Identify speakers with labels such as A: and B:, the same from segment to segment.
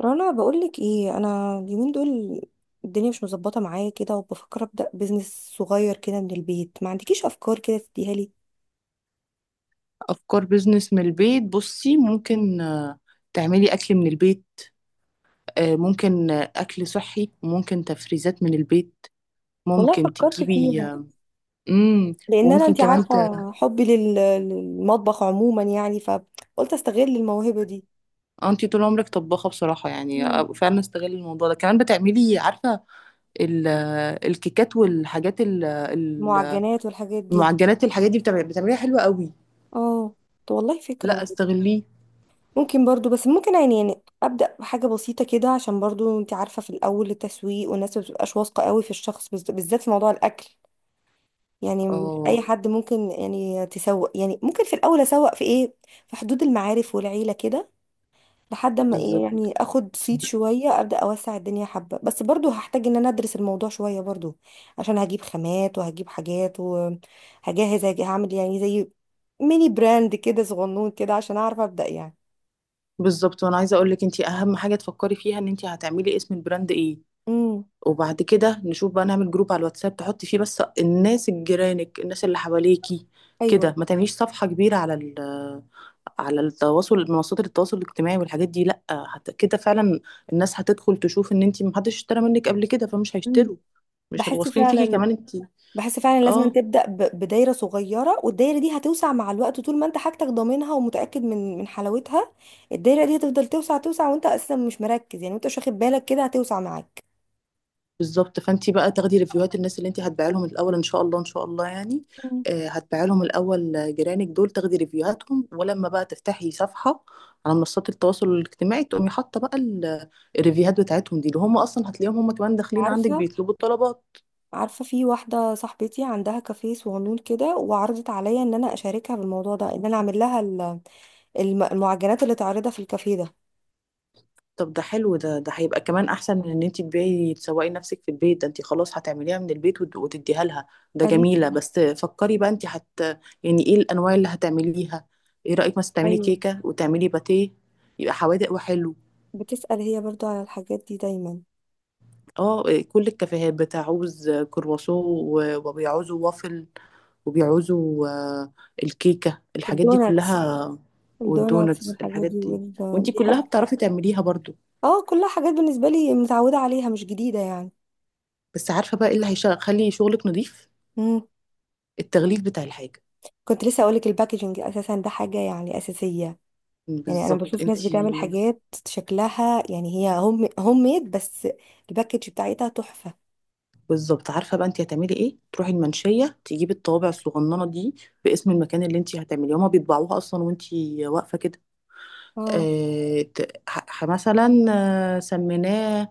A: رنا، بقولك ايه، انا اليومين دول الدنيا مش مظبطه معايا كده وبفكر ابدا بزنس صغير كده من البيت. ما عندكيش افكار كده تديها لي؟
B: أفكار بيزنس من البيت. بصي،
A: مم.
B: ممكن تعملي أكل من البيت. ممكن أكل صحي وممكن تفريزات من البيت.
A: والله
B: ممكن
A: فكرت
B: تجيبي،
A: فيها
B: امم
A: لان انا،
B: وممكن
A: انت
B: كمان
A: عارفه حبي للمطبخ عموما، يعني فقلت استغل الموهبه دي.
B: انتي طول عمرك طباخة بصراحة، يعني
A: مم.
B: فعلا استغلي الموضوع ده كمان. بتعملي، عارفة، ال... آه، الكيكات والحاجات
A: المعجنات والحاجات دي.
B: المعجنات الحاجات دي بتعمليها حلوة قوي.
A: اه. طب والله فكره
B: لا،
A: برضه.
B: استغليه.
A: ممكن برضه، بس ممكن يعني، يعني ابدا بحاجه بسيطه كده، عشان برضه انت عارفه في الاول التسويق والناس ما بتبقاش واثقه قوي في الشخص، بالذات في موضوع الاكل. يعني مش اي
B: اه،
A: حد ممكن يعني تسوق. يعني ممكن في الاول اسوق في ايه؟ في حدود المعارف والعيله كده، لحد ما ايه،
B: بالظبط.
A: يعني اخد صيت شويه ابدا اوسع الدنيا حبه. بس برضو هحتاج ان انا ادرس الموضوع شويه برضو، عشان هجيب خامات وهجيب حاجات وهجهز، هعمل يعني زي ميني براند كده صغنون كده، عشان اعرف ابدا يعني.
B: بالظبط، وانا عايزه اقول لك، انت اهم حاجه تفكري فيها ان انت هتعملي اسم البراند ايه.
A: امم.
B: وبعد كده نشوف بقى، نعمل جروب على الواتساب تحطي فيه بس الناس، الجيرانك، الناس اللي حواليكي. كده
A: ايوه.
B: ما تعمليش صفحة كبيرة على التواصل، منصات التواصل الاجتماعي والحاجات دي لا كده فعلا. الناس هتدخل تشوف ان انتي محدش اشترى منك قبل كده، فمش
A: امم.
B: هيشتروا، مش هيبقوا
A: بحس
B: واثقين فيكي
A: فعلا،
B: كمان انتي.
A: بحس فعلا لازم
B: اه،
A: تبدأ بدايرة صغيرة، والدايرة دي هتوسع مع الوقت طول ما انت حاجتك ضامنها ومتأكد من حلاوتها. الدايرة دي هتفضل توسع توسع، وانت اساسا مش مركز يعني، وانت مش واخد بالك كده هتوسع معاك.
B: بالظبط. فانت بقى تاخدي ريفيوهات الناس اللي انت هتبيعي لهم الاول، ان شاء الله ان شاء الله يعني.
A: مم.
B: هتبيعي لهم الاول، جيرانك دول تاخدي ريفيوهاتهم، ولما بقى تفتحي صفحه على منصات التواصل الاجتماعي، تقومي حاطه بقى الريفيوهات بتاعتهم دي، اللي هم اصلا هتلاقيهم هم كمان داخلين عندك
A: عارفة،
B: بيطلبوا الطلبات.
A: عارفة في واحدة صاحبتي عندها كافيه صغنون كده، وعرضت عليا ان انا اشاركها بالموضوع ده، ان انا اعمل لها المعجنات اللي تعرضها في الكافيه ده.
B: طب ده حلو، ده هيبقى كمان احسن من ان انت تبيعي تسوقي نفسك في البيت. ده انت خلاص هتعمليها من البيت وتديها لها. ده
A: قالت
B: جميلة.
A: لي.
B: بس فكري بقى انت يعني ايه الانواع اللي هتعمليها؟ ايه رأيك مثلا تعملي
A: ايوه،
B: كيكة وتعملي باتيه؟ يبقى حوادق وحلو.
A: بتسأل هي برضو على الحاجات دي دايما.
B: اه، كل الكافيهات بتعوز كرواسون وبيعوزوا وافل وبيعوزوا، الكيكة الحاجات دي
A: الدوناتس،
B: كلها.
A: الدوناتس
B: والدونتس
A: والحاجات
B: الحاجات
A: دي
B: دي، وانت كلها بتعرفي تعمليها برضو.
A: اه كلها حاجات بالنسبة لي، متعودة عليها، مش جديدة يعني.
B: بس عارفة بقى ايه اللي هيخلي شغلك نظيف؟
A: امم.
B: التغليف بتاع الحاجة.
A: كنت لسه اقولك الباكجينج اساسا، ده حاجة يعني اساسية. يعني انا
B: بالظبط.
A: بشوف ناس بتعمل
B: انتي
A: حاجات شكلها يعني هي هوم هوم ميد، بس الباكج بتاعتها تحفة.
B: بالظبط. عارفة بقى انتي هتعملي ايه؟ تروحي المنشية، تجيبي الطوابع الصغننة دي باسم المكان اللي انتي هتعمليه، هما بيطبعوها اصلا وانتي واقفة كده.
A: اه.
B: اه، مثلا سميناه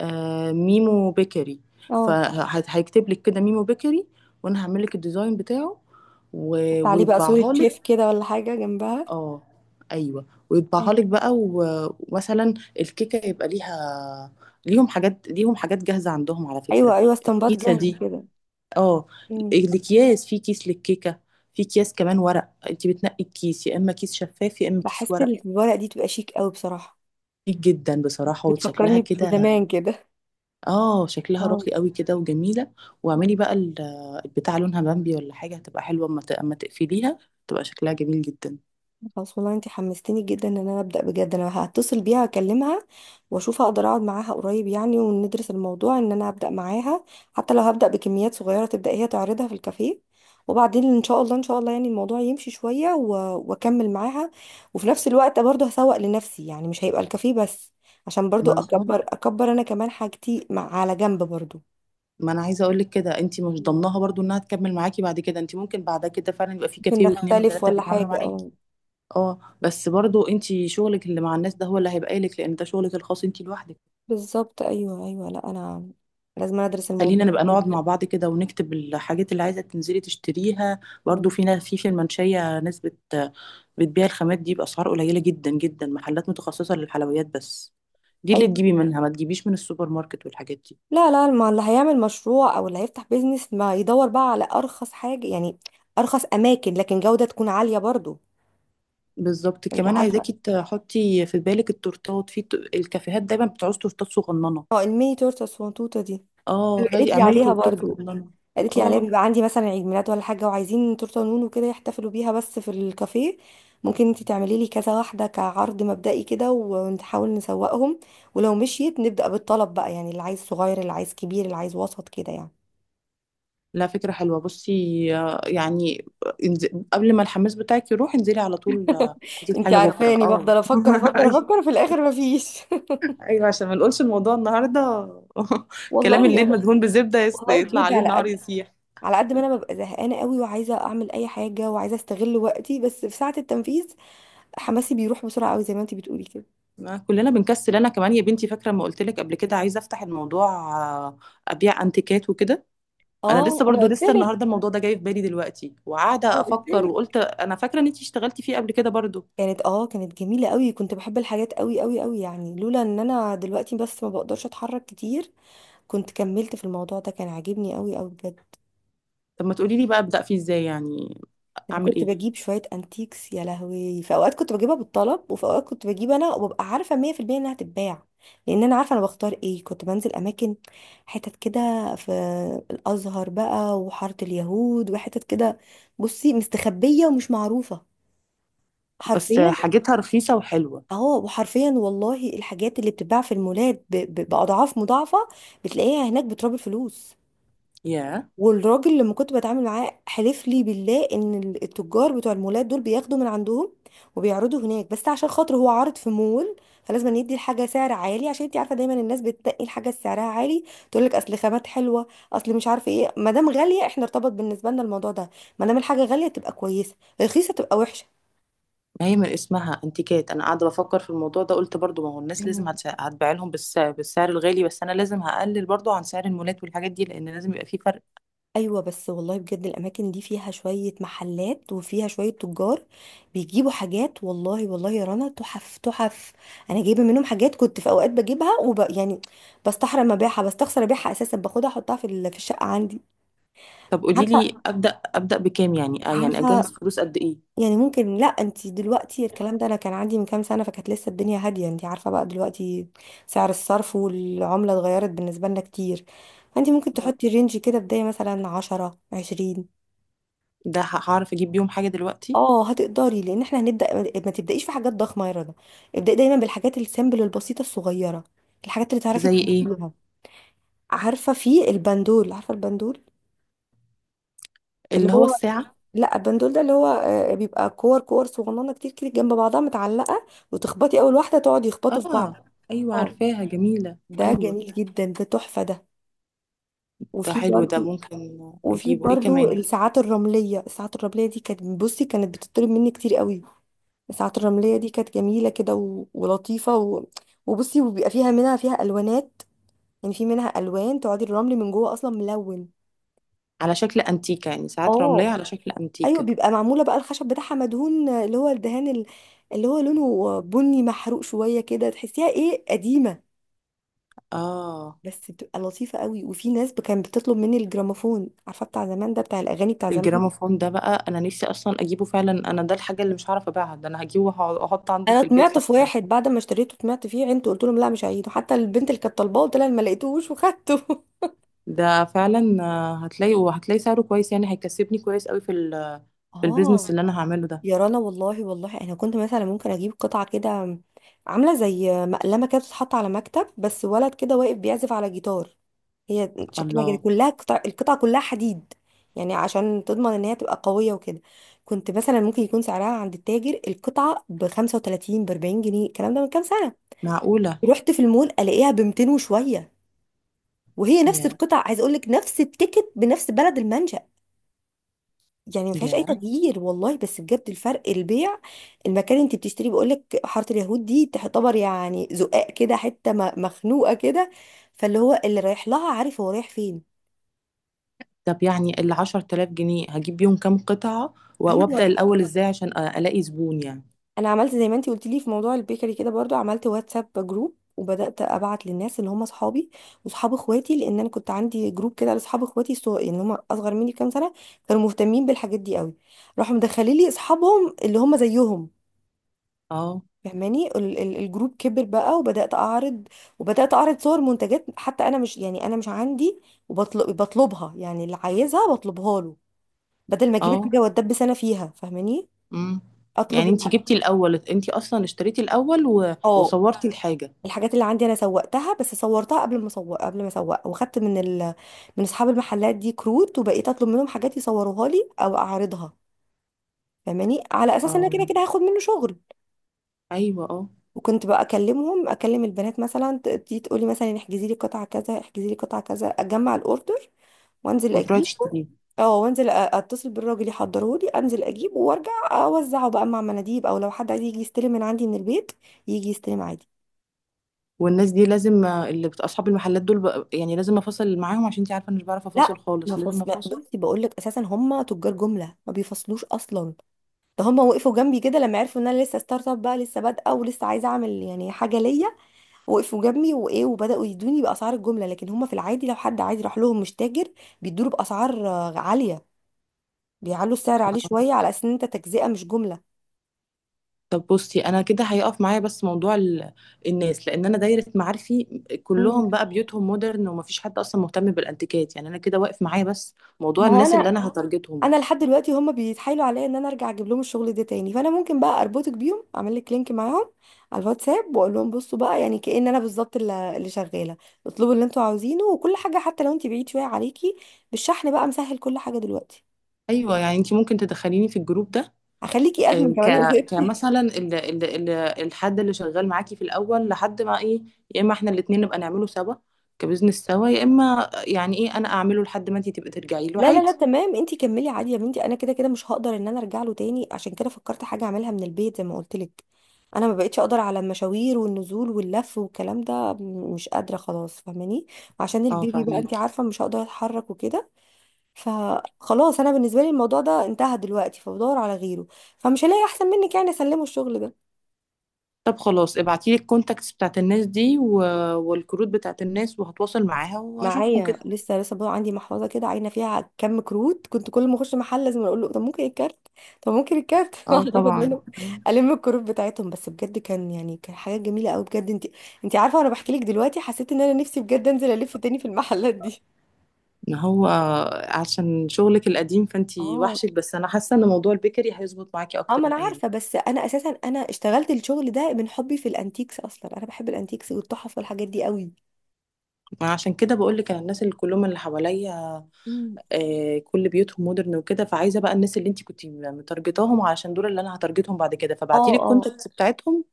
B: اه ميمو بيكري.
A: اه،
B: فهيكتب لك كده ميمو بيكري. وانا هعمل لك الديزاين بتاعه
A: حط عليه بقى صورة
B: ويطبعها.
A: شيف كده ولا حاجة جنبها.
B: اه ايوه، ويطبعها لك بقى ومثلا الكيكه يبقى ليهم حاجات جاهزه عندهم على
A: ايوه
B: فكره.
A: ايوه، استنباط
B: الكيسه
A: جاهز
B: دي،
A: كده.
B: اه،
A: امم.
B: الاكياس. في كيس للكيكه، في اكياس كمان ورق، انت بتنقي الكيس يا اما كيس شفاف يا اما كيس
A: بحس
B: ورق.
A: الورق دي تبقى شيك قوي بصراحة.
B: كتير جدا بصراحه، وشكلها
A: بتفكرني
B: كده.
A: بزمان كده.
B: اه، شكلها
A: اه.
B: راقي قوي كده وجميله. واعملي بقى البتاع لونها بامبي ولا حاجه، هتبقى حلوه اما اما تقفليها تبقى شكلها جميل جدا.
A: خلاص والله انت حمستيني جدا ان انا ابدا بجد. انا هتصل بيها اكلمها واشوف اقدر اقعد معاها قريب يعني، وندرس الموضوع ان انا ابدا معاها. حتى لو هبدا بكميات صغيره تبدا هي تعرضها في الكافيه، وبعدين ان شاء الله، ان شاء الله يعني الموضوع يمشي شويه واكمل معاها. وفي نفس الوقت برضه هسوق لنفسي، يعني مش هيبقى الكافيه بس، عشان برضه
B: ما
A: اكبر اكبر انا كمان حاجتي مع على جنب برضه.
B: ما انا عايزه اقول لك كده، انت مش
A: مم.
B: ضمنها برضو انها تكمل معاكي بعد كده. انت ممكن بعد كده فعلا يبقى في
A: ممكن
B: كافيه واثنين
A: نختلف
B: وثلاثه
A: ولا
B: بيتعاملوا
A: حاجه،
B: معاكي.
A: اه.
B: اه بس برضو، انت شغلك اللي مع الناس ده هو اللي هيبقى لك، لان ده شغلك الخاص انت لوحدك.
A: بالظبط، ايوه ايوه، لا انا لازم ادرس
B: خلينا
A: الموضوع
B: نبقى نقعد
A: ده.
B: مع بعض كده ونكتب الحاجات اللي عايزه تنزلي تشتريها.
A: مم.
B: برضو في ناس في المنشيه، ناس بتبيع الخامات دي باسعار قليله جدا جدا، محلات متخصصه للحلويات بس. دي اللي
A: ايوه.
B: تجيبي منها، ما تجيبيش من السوبر ماركت والحاجات دي.
A: لا لا، ما اللي هيعمل مشروع او اللي هيفتح بيزنس ما يدور بقى على ارخص حاجة يعني. ارخص اماكن، لكن جودة تكون عالية برضو.
B: بالظبط.
A: انت
B: كمان
A: عارفة،
B: عايزاكي تحطي في بالك التورتات في الكافيهات دايما بتعوز تورتات صغننه.
A: اه الميني تورته الصغنطوطة دي.
B: اه،
A: قالت
B: هاتي
A: لي
B: اعملي
A: عليها
B: تورتات
A: برضو.
B: صغننه.
A: قالت لي عليها
B: اه
A: بيبقى عندي مثلا عيد ميلاد ولا حاجة وعايزين تورته نونو كده يحتفلوا بيها بس في الكافيه. ممكن انت تعملي لي كذا واحدة كعرض مبدئي كده ونحاول نسوقهم، ولو مشيت نبدأ بالطلب بقى، يعني اللي عايز صغير، اللي عايز كبير، اللي عايز وسط كده يعني.
B: لا، فكره حلوه. بصي، يعني انز- قبل ما الحماس بتاعك يروح انزلي على طول، هاتي
A: انت
B: حاجه بكره
A: عارفاني
B: اه
A: بفضل افكر افكر
B: ايوه.
A: افكر في الاخر مفيش.
B: ايوه، عشان ما نقولش الموضوع النهارده. كلام الليل
A: والله،
B: مدهون بزبده،
A: والله
B: يطلع
A: بجد،
B: عليه
A: على
B: النهار
A: قد،
B: يسيح.
A: على قد ما انا ببقى زهقانه قوي وعايزه اعمل اي حاجه وعايزه استغل وقتي، بس في ساعه التنفيذ حماسي بيروح بسرعه قوي زي ما انت بتقولي كده.
B: ما كلنا بنكسل. انا كمان يا بنتي، فاكره ما قلت لك قبل كده عايزه افتح الموضوع، آه، ابيع انتيكات وكده. انا
A: اه.
B: لسه
A: انا
B: برضو،
A: قلت
B: لسه
A: لك،
B: النهارده الموضوع ده جاي في بالي دلوقتي وقاعده
A: انا قلت
B: افكر.
A: لك
B: وقلت انا فاكره ان انتي اشتغلتي فيه قبل كده برضو.
A: كانت، اه كانت جميله قوي، كنت بحب الحاجات قوي قوي قوي يعني. لولا ان انا دلوقتي بس ما بقدرش اتحرك كتير كنت كملت في الموضوع ده، كان عاجبني قوي قوي بجد.
B: طب ما تقولي لي بقى، ابدا فيه ازاي يعني؟
A: انا
B: اعمل
A: كنت
B: ايه؟
A: بجيب شويه انتيكس. يا لهوي، في اوقات كنت بجيبها بالطلب، وفي اوقات كنت بجيب انا وببقى عارفه 100% انها هتتباع، لان انا عارفه انا بختار ايه. كنت بنزل اماكن حتت كده في الازهر بقى وحاره اليهود وحتت كده، بصي مستخبيه ومش معروفه
B: بس
A: حرفيا.
B: حاجتها رخيصه وحلوه.
A: اهو. وحرفيا والله الحاجات اللي بتتباع في المولات باضعاف مضاعفه بتلاقيها هناك بتراب الفلوس.
B: يا،
A: والراجل لما كنت بتعامل معاه حلف لي بالله ان التجار بتوع المولات دول بياخدوا من عندهم وبيعرضوا هناك، بس عشان خاطر هو عارض في مول فلازم أن يدي الحاجه سعر عالي، عشان انت عارفه دايما الناس بتتقي الحاجه سعرها عالي، تقول لك اصل خامات حلوه، اصل مش عارفه ايه. ما دام غاليه، احنا ارتبط بالنسبه لنا الموضوع ده، ما دام الحاجه غاليه تبقى كويسه، رخيصه تبقى
B: ما هي من اسمها انتيكات. انا قاعده بفكر في الموضوع ده، قلت برضو ما هو الناس لازم
A: وحشه.
B: هتبيع لهم بالسعر الغالي، بس انا لازم هقلل برضو عن سعر المولات والحاجات دي، لان لازم يبقى فيه فرق.
A: ايوه بس والله بجد الاماكن دي فيها شويه محلات وفيها شويه تجار بيجيبوا حاجات، والله والله يا رنا تحف تحف. انا جايبه منهم حاجات كنت في اوقات بجيبها وب... يعني بستحرم ابيعها، بستخسر ابيعها، اساسا باخدها احطها في في الشقه عندي.
B: طب قولي لي
A: عارفه،
B: ابدا ابدا بكام يعني؟ يعني اجهز
A: عارفه
B: فلوس قد ايه؟
A: يعني ممكن، لا انت دلوقتي الكلام ده انا كان عندي من كام سنه، فكانت لسه الدنيا هاديه. انت عارفه بقى دلوقتي سعر الصرف والعمله اتغيرت بالنسبه لنا كتير. فانت ممكن تحطي رينج كده بدايه مثلا 10 20.
B: ده هعرف اجيب بيهم حاجه دلوقتي؟
A: اه هتقدري، لان احنا هنبدا. ما تبدايش في حاجات ضخمه يا رنا، ابداي دايما بالحاجات السامبل البسيطه الصغيره، الحاجات اللي تعرفي
B: زي ايه؟
A: تنميها. عارفه في البندول، عارفه البندول اللي
B: اللي هو
A: هو،
B: الساعه؟
A: لا البندول ده اللي هو بيبقى كور كور صغننه كتير كده جنب بعضها متعلقه، وتخبطي اول واحده تقعد يخبطوا في بعض.
B: اه ايوه،
A: اه،
B: عارفاها، جميله.
A: ده
B: ايوه
A: جميل جدا، ده تحفه ده.
B: ده
A: وفي
B: حلو ده،
A: برضو،
B: ممكن.
A: وفي
B: اجيبه ايه
A: برضو
B: كمان؟
A: الساعات الرمليه، الساعات الرمليه دي كانت، بصي كانت بتطلب مني كتير قوي. ساعة الرملية دي كانت جميلة كده و... ولطيفة، و... وبصي وبيبقى فيها منها فيها ألوانات، يعني في منها ألوان تقعدي الرمل من جوه أصلا ملون.
B: على شكل انتيكه يعني، ساعات رمليه
A: اه،
B: على شكل
A: أيوة
B: انتيكه.
A: بيبقى معمولة بقى الخشب بتاعها مدهون، اللي هو الدهان اللي هو لونه بني محروق شوية كده، تحسيها إيه، قديمة.
B: اه،
A: بس بتبقى لطيفة قوي. وفي ناس، ب- كانت بتطلب مني الجراموفون، عارفة بتاع زمان ده، بتاع الأغاني بتاع زمان.
B: الجراموفون ده بقى انا نفسي اصلا اجيبه فعلا. انا ده الحاجه اللي مش هعرف ابيعها، ده انا هجيبه واحط عندي
A: أنا
B: في البيت
A: طمعت في
B: فعلا.
A: واحد بعد ما اشتريته، طمعت فيه عينته، قلت لهم لا مش هعيده، حتى البنت اللي كانت طالباه قلت لها أنا ما لقيتهوش وخدته.
B: ده فعلا هتلاقي وهتلاقي سعره كويس، يعني هيكسبني كويس قوي في
A: اه.
B: البيزنس اللي انا هعمله ده.
A: يا رنا والله والله انا كنت مثلا ممكن اجيب قطعه كده، عامله زي مقلمه كده بتتحط على مكتب، بس ولد كده واقف بيعزف على جيتار، هي شكلها كده
B: الله،
A: كلها قطع، القطعه كلها حديد يعني، عشان تضمن ان هي تبقى قويه وكده. كنت مثلا ممكن يكون سعرها عند التاجر القطعه ب 35 ب 40 جنيه، الكلام ده من كام سنه.
B: معقوله؟
A: رحت في المول الاقيها ب 200 وشويه، وهي نفس
B: يا
A: القطع عايز اقول لك، نفس التيكت بنفس بلد المنشأ، يعني ما فيهاش اي
B: يا.
A: تغيير والله. بس بجد الفرق البيع، المكان اللي انت بتشتري، بقول لك حاره اليهود دي تعتبر يعني زقاق كده، حته مخنوقه كده، فاللي هو اللي رايح لها عارف هو رايح فين.
B: طب يعني ال10 تلاف جنيه هجيب بيهم كام قطعة
A: ايوه.
B: وابدأ الأول ازاي عشان ألاقي زبون يعني؟
A: انا عملت زي ما انت قلت لي في موضوع البيكري كده برضو، عملت واتساب جروب وبدات ابعت للناس اللي هم اصحابي واصحاب اخواتي، لان انا كنت عندي جروب كده لاصحاب اخواتي، اللي هم اصغر مني بكام سنه. كانوا مهتمين بالحاجات دي قوي، راحوا مدخلين لي اصحابهم اللي هم زيهم،
B: اه
A: فهماني. الجروب كبر بقى وبدأت أعرض، وبدأت أعرض صور منتجات، حتى أنا مش، يعني أنا مش عندي، وبطلب، بطلبها يعني، اللي عايزها بطلبها له، بدل ما أجيب
B: اه،
A: الحاجة وأتدبس أنا فيها، فاهماني.
B: امم
A: أطلب.
B: يعني
A: مم.
B: انتي
A: الح...
B: جبتي الأول، انتي أصلا اشتريتي الأول
A: اه
B: وصورتي الحاجة.
A: الحاجات اللي عندي أنا سوقتها، بس صورتها قبل ما أسوق، قبل ما أسوق. وخدت من من أصحاب المحلات دي كروت، وبقيت أطلب منهم حاجات يصوروها لي أو أعرضها، فاهماني، على أساس إن أنا كده
B: اه
A: كده هاخد منه شغل.
B: أيوة اه.
A: وكنت بقى اكلمهم، اكلم البنات مثلا تيجي تقولي مثلا احجزي لي قطعه كذا، احجزي لي قطعه كذا، اجمع الاوردر وانزل
B: وتروحي
A: اجيبه.
B: تشتريه.
A: اه، وانزل اتصل بالراجل يحضره لي، انزل اجيبه وارجع اوزعه بقى مع مناديب، او لو حد عايز يجي يستلم من عندي من البيت يجي يستلم عادي.
B: والناس دي لازم، اللي أصحاب المحلات دول يعني لازم أفاصل معاهم عشان انتي عارفة أنا مش بعرف أفاصل
A: لا، ما
B: خالص، لازم
A: فص... ما-
B: أفاصل.
A: بصي بقول لك اساسا هم تجار جمله ما بيفصلوش اصلا. ده هم وقفوا جنبي كده لما عرفوا ان انا لسه ستارت اب بقى، لسه بادئه ولسه عايزه اعمل يعني حاجه ليا، وقفوا جنبي، وايه وبداوا يدوني باسعار الجمله. لكن هما في العادي لو حد عادي راح لهم مش تاجر، بيدوله باسعار عاليه، بيعلوا السعر عليه شويه على اساس ان انت تجزئه مش جمله.
B: طب بصي، انا كده هيقف معايا بس موضوع الناس، لان انا دايره معارفي
A: مم.
B: كلهم بقى بيوتهم مودرن ومفيش حد اصلا مهتم بالانتيكات. يعني انا كده واقف معايا بس موضوع
A: ما هو
B: الناس اللي
A: انا،
B: انا هتارجتهم.
A: انا لحد دلوقتي هما بيتحايلوا عليا ان انا ارجع اجيب لهم الشغل ده تاني، فانا ممكن بقى اربطك بيهم، اعمل لك لينك معاهم على الواتساب، واقول لهم بصوا بقى، يعني كأن انا بالظبط اللي شغاله، اطلبوا اللي انتوا عاوزينه. وكل حاجه حتى لو انت بعيد شويه عليكي، بالشحن بقى مسهل كل حاجه دلوقتي.
B: ايوه، يعني انت ممكن تدخليني في الجروب ده؟
A: هخليكي ادمن
B: آه،
A: كمان يا
B: ك
A: ستي.
B: كمثلا الحد اللي شغال معاكي في الاول لحد ما ايه، يا اما احنا الاتنين نبقى نعمله سوا كبزنس سوا، يا اما يعني ايه انا اعمله لحد ما انت تبقى ترجعي له
A: لا لا لا،
B: عادي.
A: تمام انتي كملي عادي يا بنتي، انا كده كده مش هقدر ان انا ارجع له تاني، عشان كده فكرت حاجه اعملها من البيت زي ما قلت لك. انا ما بقتش اقدر على المشاوير والنزول واللف والكلام ده، مش قادره خلاص، فاهماني، عشان
B: اه،
A: البيبي بقى انتي
B: فاهمك.
A: عارفه مش هقدر اتحرك وكده. فخلاص انا بالنسبه لي الموضوع ده انتهى دلوقتي، فبدور على غيره، فمش هلاقي احسن منك يعني اسلمه الشغل ده.
B: طب خلاص ابعتيلي الكونتاكتس بتاعت الناس دي والكروت بتاعت الناس، وهتواصل معاها وهشوفهم
A: معايا
B: كده.
A: لسه، لسه برضه عندي محفظه كده عاينه فيها كم كروت، كنت كل ما اخش محل لازم اقول له طب ممكن الكارت، طب ممكن الكارت.
B: اه
A: واحد اخد
B: طبعا.
A: منه الم الكروت بتاعتهم، بس بجد كان يعني كان حاجه جميله قوي بجد. انت، انت عارفه وانا بحكي لك دلوقتي حسيت ان انا نفسي بجد انزل الف تاني في المحلات دي.
B: ما هو عشان شغلك القديم فانتي
A: اه.
B: وحشك، بس انا حاسه ان موضوع البيكري هيظبط معاكي
A: اه
B: اكتر
A: ما انا
B: الايام.
A: عارفه، بس انا اساسا انا اشتغلت الشغل ده من حبي في الانتيكس اصلا، انا بحب الانتيكس والتحف والحاجات دي قوي.
B: انا عشان كده بقول لك، انا الناس اللي كلهم اللي حواليا
A: أمم.
B: كل بيوتهم مودرن وكده، فعايزه بقى الناس اللي انتي كنتي متارجتاهم علشان دول اللي انا هتارجتهم بعد كده،
A: اه
B: فابعتي لي
A: اه،
B: الكونتاكتس بتاعتهم.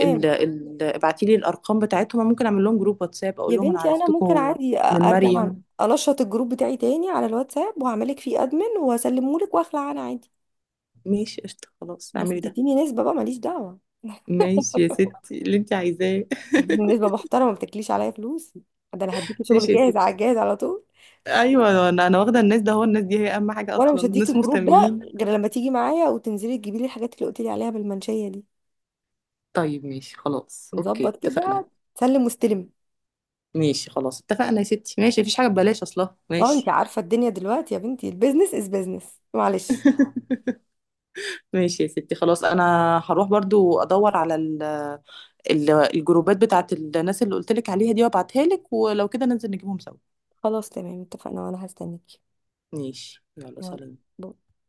B: ابعتي لي الارقام بتاعتهم. أنا ممكن اعمل لهم جروب واتساب
A: يا
B: اقول لهم انا
A: بنتي انا ممكن
B: عرفتكم
A: عادي
B: من
A: ارجع الله
B: مريم.
A: انشط الجروب بتاعي تاني على الواتساب، وهعملك فيه ادمن وهسلمه لك واخلع انا عادي.
B: ماشي، قشطة، خلاص
A: بس
B: اعملي ده.
A: تديني نسبه بقى، ماليش دعوه،
B: ماشي يا ستي، اللي انت عايزاه.
A: تديني نسبه محترمه ما بتاكليش عليا فلوس، ده انا هديكي شغل
B: ماشي يا
A: جاهز
B: ستي.
A: على الجاهز على طول.
B: ايوه، انا واخده الناس ده، هو الناس دي هي اهم حاجه
A: وانا
B: اصلا،
A: مش هديكي
B: ناس
A: الجروب ده
B: مهتمين.
A: غير لما تيجي معايا وتنزلي تجيبي لي الحاجات اللي قلت لي عليها بالمنشيه دي.
B: طيب ماشي خلاص
A: نظبط
B: اوكي، اتفقنا.
A: كده، سلم واستلم.
B: ماشي خلاص اتفقنا يا ستي. ماشي، مفيش حاجه ببلاش اصلا،
A: اه انت
B: ماشي.
A: عارفه الدنيا دلوقتي يا بنتي، البيزنس از بيزنس، معلش.
B: ماشي يا ستي، خلاص انا هروح برضو ادور على الجروبات بتاعت الناس اللي قلت لك عليها دي وابعتها لك، ولو كده ننزل نجيبهم سوا.
A: خلاص تمام اتفقنا، وانا هستنيكي.
B: ماشي، يلا، سلام.
A: يلا.